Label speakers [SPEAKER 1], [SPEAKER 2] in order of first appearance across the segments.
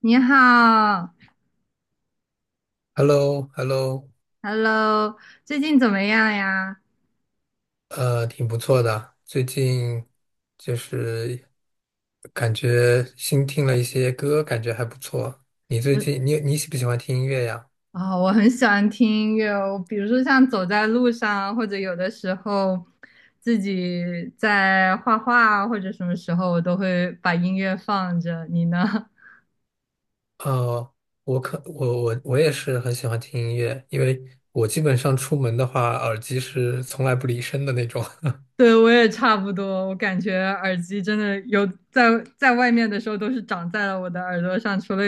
[SPEAKER 1] 你好
[SPEAKER 2] h e l l o h e l l o
[SPEAKER 1] ，Hello，最近怎么样呀？
[SPEAKER 2] 挺不错的。最近就是感觉新听了一些歌，感觉还不错。你最
[SPEAKER 1] 嗯
[SPEAKER 2] 近你喜不喜欢听音乐呀？
[SPEAKER 1] 啊、我很喜欢听音乐哦，比如说像走在路上，或者有的时候自己在画画啊，或者什么时候我都会把音乐放着。你呢？
[SPEAKER 2] 哦，我可我我我也是很喜欢听音乐，因为我基本上出门的话，耳机是从来不离身的那种。
[SPEAKER 1] 对，我也差不多，我感觉耳机真的有在外面的时候都是长在了我的耳朵上，除了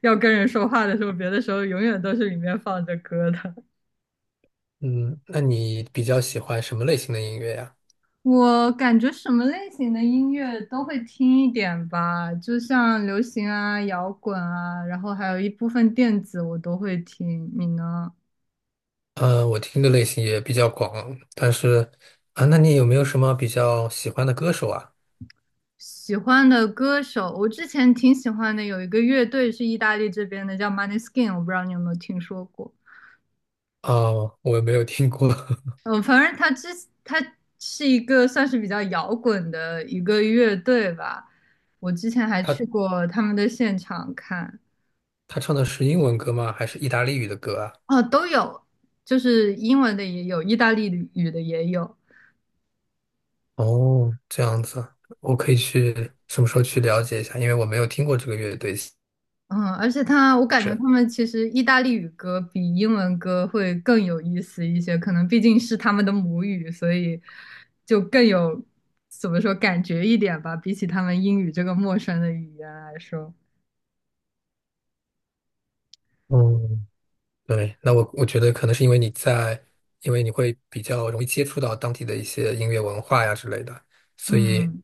[SPEAKER 1] 要跟人说话的时候，别的时候永远都是里面放着歌的。
[SPEAKER 2] 嗯，那你比较喜欢什么类型的音乐呀？
[SPEAKER 1] 我感觉什么类型的音乐都会听一点吧，就像流行啊、摇滚啊，然后还有一部分电子我都会听。你呢？
[SPEAKER 2] 我听的类型也比较广，但是啊，那你有没有什么比较喜欢的歌手啊？
[SPEAKER 1] 喜欢的歌手，我之前挺喜欢的，有一个乐队是意大利这边的，叫 m o n e y s k i n， 我不知道你有没有听说过。
[SPEAKER 2] 哦，我也没有听过。
[SPEAKER 1] 嗯，反正他是一个算是比较摇滚的一个乐队吧，我之前还
[SPEAKER 2] 他
[SPEAKER 1] 去过他们的现场看。
[SPEAKER 2] 他唱的是英文歌吗？还是意大利语的歌啊？
[SPEAKER 1] 哦，都有，就是英文的也有，意大利语的也有。
[SPEAKER 2] 哦，这样子，我可以去什么时候去了解一下，因为我没有听过这个乐队。
[SPEAKER 1] 嗯，而且他，我感觉他
[SPEAKER 2] 是。
[SPEAKER 1] 们其实意大利语歌比英文歌会更有意思一些，可能毕竟是他们的母语，所以就更有怎么说感觉一点吧，比起他们英语这个陌生的语言来说。
[SPEAKER 2] 嗯。对，那我觉得可能是因为你在，因为你会比较容易接触到当地的一些音乐文化呀之类的，所以
[SPEAKER 1] 嗯，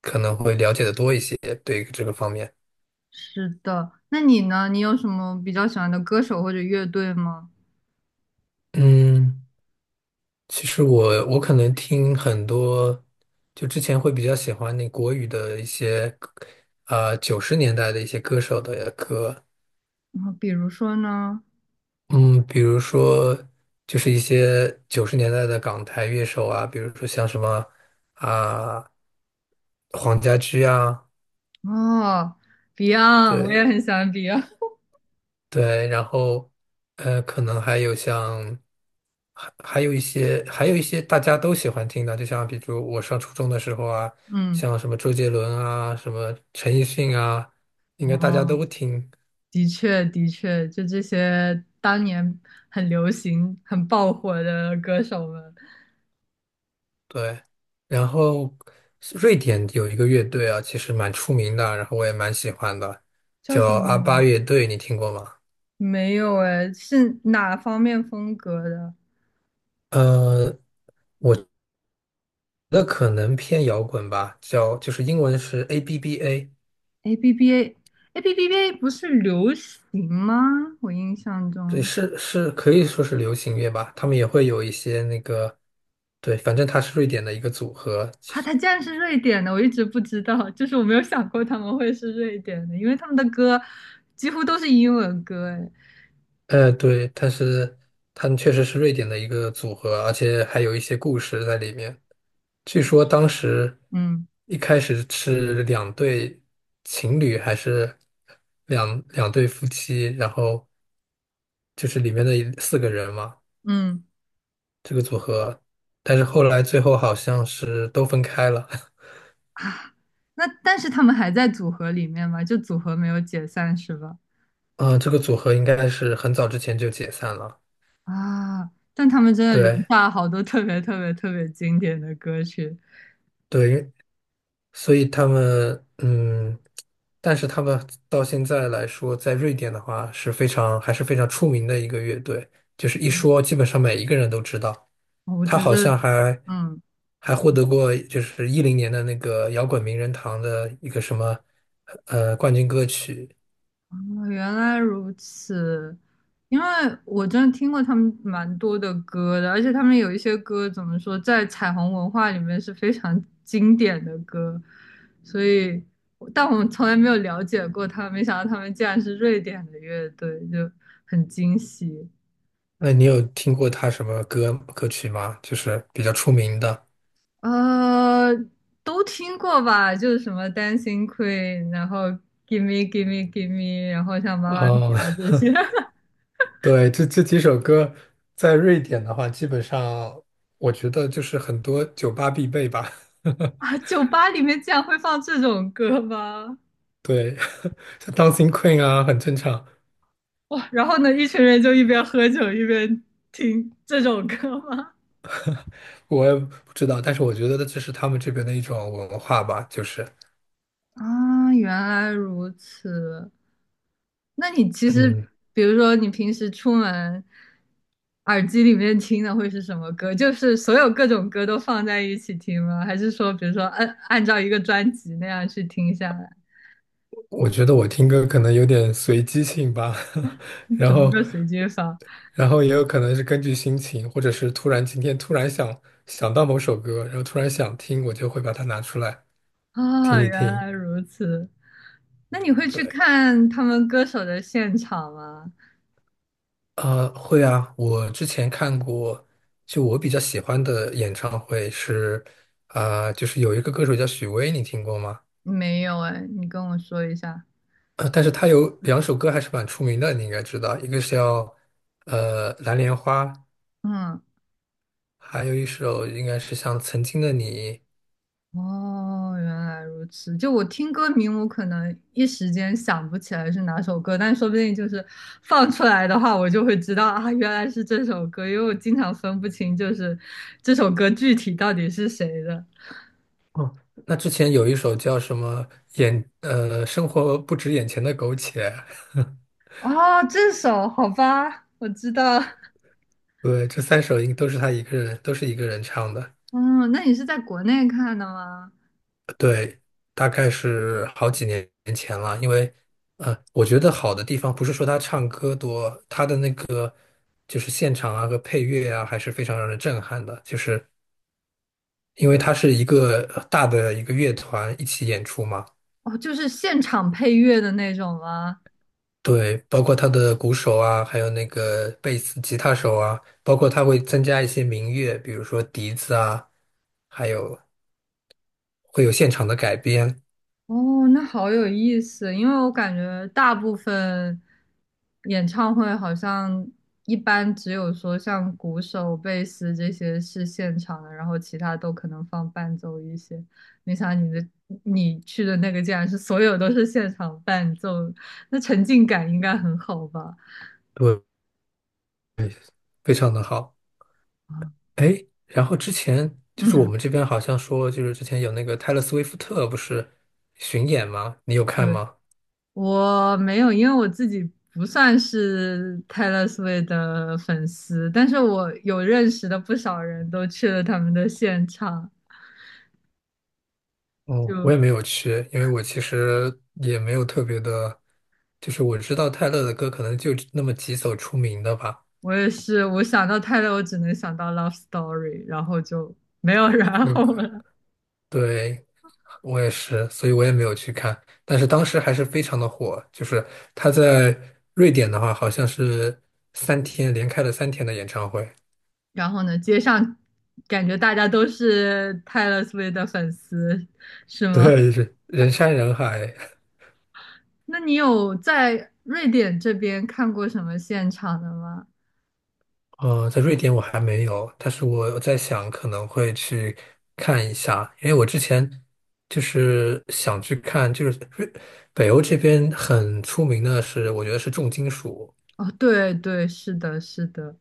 [SPEAKER 2] 可能会了解的多一些对于这个方面。
[SPEAKER 1] 是的。那你呢？你有什么比较喜欢的歌手或者乐队吗？
[SPEAKER 2] 嗯。其实我可能听很多，就之前会比较喜欢那国语的一些歌啊九十年代的一些歌手的歌。
[SPEAKER 1] 嗯，比如说呢？
[SPEAKER 2] 嗯，比如说就是一些九十年代的港台乐手啊，比如说像什么啊黄家驹啊。
[SPEAKER 1] 哦，Beyond，我也
[SPEAKER 2] 对。
[SPEAKER 1] 很喜欢 Beyond。
[SPEAKER 2] 对，然后可能还有像还还有一些还有一些大家都喜欢听的，就像比如我上初中的时候啊，
[SPEAKER 1] 嗯，
[SPEAKER 2] 像什么周杰伦啊，什么陈奕迅啊，应该大家
[SPEAKER 1] 哦。
[SPEAKER 2] 都听。
[SPEAKER 1] 的确，的确，就这些当年很流行、很爆火的歌手们，
[SPEAKER 2] 对，然后瑞典有一个乐队啊，其实蛮出名的，然后我也蛮喜欢的，
[SPEAKER 1] 叫
[SPEAKER 2] 叫
[SPEAKER 1] 什么？
[SPEAKER 2] 阿巴乐队，你听过吗？
[SPEAKER 1] 没有哎，是哪方面风格的
[SPEAKER 2] 呃，我觉得可能偏摇滚吧，叫就是英文是 ABBA。
[SPEAKER 1] ？A B B A，A B B A 不是流行吗？我印象
[SPEAKER 2] 对，
[SPEAKER 1] 中
[SPEAKER 2] 是是可以说是流行乐吧，他们也会有一些那个。对，反正他是瑞典的一个组合，其
[SPEAKER 1] 啊，
[SPEAKER 2] 实。
[SPEAKER 1] 他竟然是瑞典的，我一直不知道，就是我没有想过他们会是瑞典的，因为他们的歌几乎都是英文歌哎，
[SPEAKER 2] 对，但是他们确实是瑞典的一个组合，而且还有一些故事在里面。据说当时
[SPEAKER 1] 嗯
[SPEAKER 2] 一开始是两对情侣，还是两对夫妻，然后就是里面的四个人嘛，
[SPEAKER 1] 嗯，
[SPEAKER 2] 这个组合，但是后来最后好像是都分开了。
[SPEAKER 1] 那但是他们还在组合里面嘛，就组合没有解散是吧？
[SPEAKER 2] 啊，这个组合应该是很早之前就解散了。
[SPEAKER 1] 啊，但他们真的留
[SPEAKER 2] 对。
[SPEAKER 1] 下好多特别特别特别经典的歌曲，
[SPEAKER 2] 对，所以他们但是他们到现在来说，在瑞典的话是非常还是非常出名的一个乐队，就是一说基本上每一个人都知道。
[SPEAKER 1] 我
[SPEAKER 2] 他
[SPEAKER 1] 觉
[SPEAKER 2] 好
[SPEAKER 1] 得，
[SPEAKER 2] 像还
[SPEAKER 1] 嗯，
[SPEAKER 2] 还获得过就是一零年的那个摇滚名人堂的一个什么冠军歌曲。
[SPEAKER 1] 啊原来如此，因为我真的听过他们蛮多的歌的，而且他们有一些歌怎么说，在彩虹文化里面是非常 经典的歌，所以，但我们从来没有了解过他们，没想到他们竟然是瑞典的乐队，就很惊喜。
[SPEAKER 2] 那你有听过他什么歌歌曲吗？就是比较出名的。
[SPEAKER 1] 呃，都听过吧？就是什么《Dancing Queen》，然后《Give Me Give Me Give Me》，然后像《妈妈咪
[SPEAKER 2] 哦。
[SPEAKER 1] 呀》这些
[SPEAKER 2] 对，这这几首歌在瑞典的话，基本上我觉得就是很多酒吧必备吧。
[SPEAKER 1] 啊，酒吧里面竟然会放这种歌吗？
[SPEAKER 2] 对，像 Dancing Queen 啊，很正常。
[SPEAKER 1] 哇，然后呢，一群人就一边喝酒一边听这种歌吗？
[SPEAKER 2] 我也不知道，但是我觉得这是他们这边的一种文化吧，就是。
[SPEAKER 1] 啊，原来如此。那你其实，
[SPEAKER 2] 嗯，
[SPEAKER 1] 比如说你平时出门，耳机里面听的会是什么歌？就是所有各种歌都放在一起听吗？还是说，比如说按照一个专辑那样去听下来？
[SPEAKER 2] 我觉得我听歌可能有点随机性吧。然
[SPEAKER 1] 怎么
[SPEAKER 2] 后，
[SPEAKER 1] 个随机法
[SPEAKER 2] 然后也有可能是根据心情，或者是突然今天突然想想到某首歌，然后突然想听，我就会把它拿出来听
[SPEAKER 1] 啊？
[SPEAKER 2] 一
[SPEAKER 1] 原
[SPEAKER 2] 听。
[SPEAKER 1] 来如此。那你会去
[SPEAKER 2] 对。
[SPEAKER 1] 看他们歌手的现场吗？
[SPEAKER 2] 会啊，我之前看过，就我比较喜欢的演唱会是，啊、就是有一个歌手叫许巍，你听过吗？
[SPEAKER 1] 没有哎，你跟我说一下。
[SPEAKER 2] 但是他有两首歌还是蛮出名的，你应该知道，一个是叫《蓝莲花》，
[SPEAKER 1] 嗯。
[SPEAKER 2] 还有一首应该是像《曾经的你》。
[SPEAKER 1] 哦，原来如此。就我听歌名，我可能一时间想不起来是哪首歌，但说不定就是放出来的话，我就会知道啊，原来是这首歌，因为我经常分不清就是这首歌具体到底是谁的。
[SPEAKER 2] 哦，那之前有一首叫什么生活不止眼前的苟且。
[SPEAKER 1] 哦，这首，好吧，我知道。
[SPEAKER 2] 对，这三首应都是他一个人，都是一个人唱的。
[SPEAKER 1] 嗯，那你是在国内看的吗？
[SPEAKER 2] 对，大概是好几年前了，因为，我觉得好的地方不是说他唱歌多，他的那个就是现场啊和配乐啊，还是非常让人震撼的，就是因为他是一个大的一个乐团一起演出嘛。
[SPEAKER 1] 哦，就是现场配乐的那种吗？
[SPEAKER 2] 对，包括他的鼓手啊，还有那个贝斯、吉他手啊，包括他会增加一些民乐，比如说笛子啊，还有会有现场的改编。
[SPEAKER 1] 哦，那好有意思，因为我感觉大部分演唱会好像一般只有说像鼓手、贝斯这些是现场的，然后其他都可能放伴奏一些。没想到你去的那个竟然是所有都是现场伴奏，那沉浸感应该很好吧？
[SPEAKER 2] 对，非常的好。
[SPEAKER 1] 啊
[SPEAKER 2] 哎，然后之前就是我
[SPEAKER 1] 嗯，
[SPEAKER 2] 们这边好像说，就是之前有那个泰勒·斯威夫特不是巡演吗？你有看
[SPEAKER 1] 对。
[SPEAKER 2] 吗？
[SPEAKER 1] 我没有，因为我自己不算是 Taylor Swift 的粉丝，但是我有认识的不少人都去了他们的现场。
[SPEAKER 2] 哦，我
[SPEAKER 1] 就
[SPEAKER 2] 也没有去，因为我其实也没有特别的，就是我知道泰勒的歌可能就那么几首出名的吧。
[SPEAKER 1] 我也是，我想到 Taylor，我只能想到 Love Story，然后就没有 然
[SPEAKER 2] 那
[SPEAKER 1] 后
[SPEAKER 2] 个，
[SPEAKER 1] 了。
[SPEAKER 2] 对，我也是，所以我也没有去看。但是当时还是非常的火，就是他在瑞典的话，好像是连开了三天的演唱会。
[SPEAKER 1] 然后呢，街上感觉大家都是 Taylor Swift 的粉丝，是 吗？
[SPEAKER 2] 对，是人山人海。
[SPEAKER 1] 那你有在瑞典这边看过什么现场的吗？
[SPEAKER 2] 呃，在瑞典我还没有，但是我在想可能会去看一下，因为我之前就是想去看，就是北欧这边很出名的是，我觉得是重金属。
[SPEAKER 1] 哦，对对，是的，是的。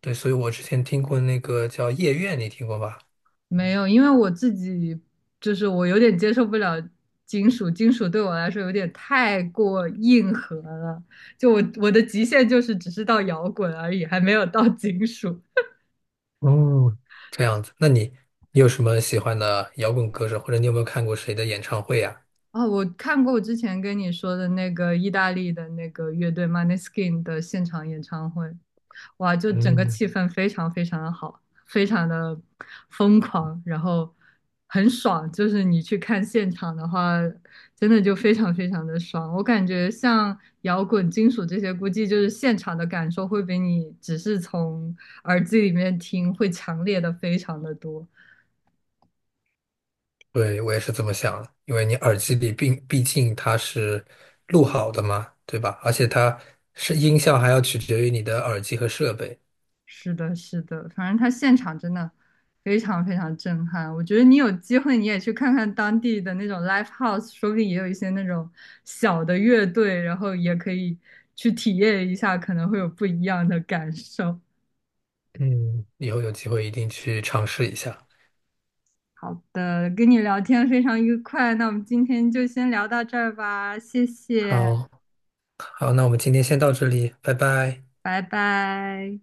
[SPEAKER 2] 对，所以我之前听过那个叫夜愿，你听过吧？
[SPEAKER 1] 没有，因为我自己就是我有点接受不了金属，金属对我来说有点太过硬核了。就我的极限就是只是到摇滚而已，还没有到金属。
[SPEAKER 2] 哦，这样子，那你你有什么喜欢的摇滚歌手，或者你有没有看过谁的演唱会呀？
[SPEAKER 1] 哦，我看过我之前跟你说的那个意大利的那个乐队 m o n e y s k i n 的现场演唱会，哇，就整个
[SPEAKER 2] 嗯。
[SPEAKER 1] 气氛非常非常的好，非常的疯狂，然后很爽。就是你去看现场的话，真的就非常非常的爽。我感觉像摇滚、金属这些，估计就是现场的感受会比你只是从耳机里面听会强烈的非常的多。
[SPEAKER 2] 对，我也是这么想的，因为你耳机里并毕竟它是录好的嘛，对吧？而且它是音效还要取决于你的耳机和设备。
[SPEAKER 1] 是的，是的，反正他现场真的非常非常震撼。我觉得你有机会你也去看看当地的那种 live house，说不定也有一些那种小的乐队，然后也可以去体验一下，可能会有不一样的感受。
[SPEAKER 2] 嗯，以后有机会一定去尝试一下。
[SPEAKER 1] 好的，跟你聊天非常愉快，那我们今天就先聊到这儿吧，谢谢，
[SPEAKER 2] 好。好，那我们今天先到这里，拜拜。
[SPEAKER 1] 拜拜。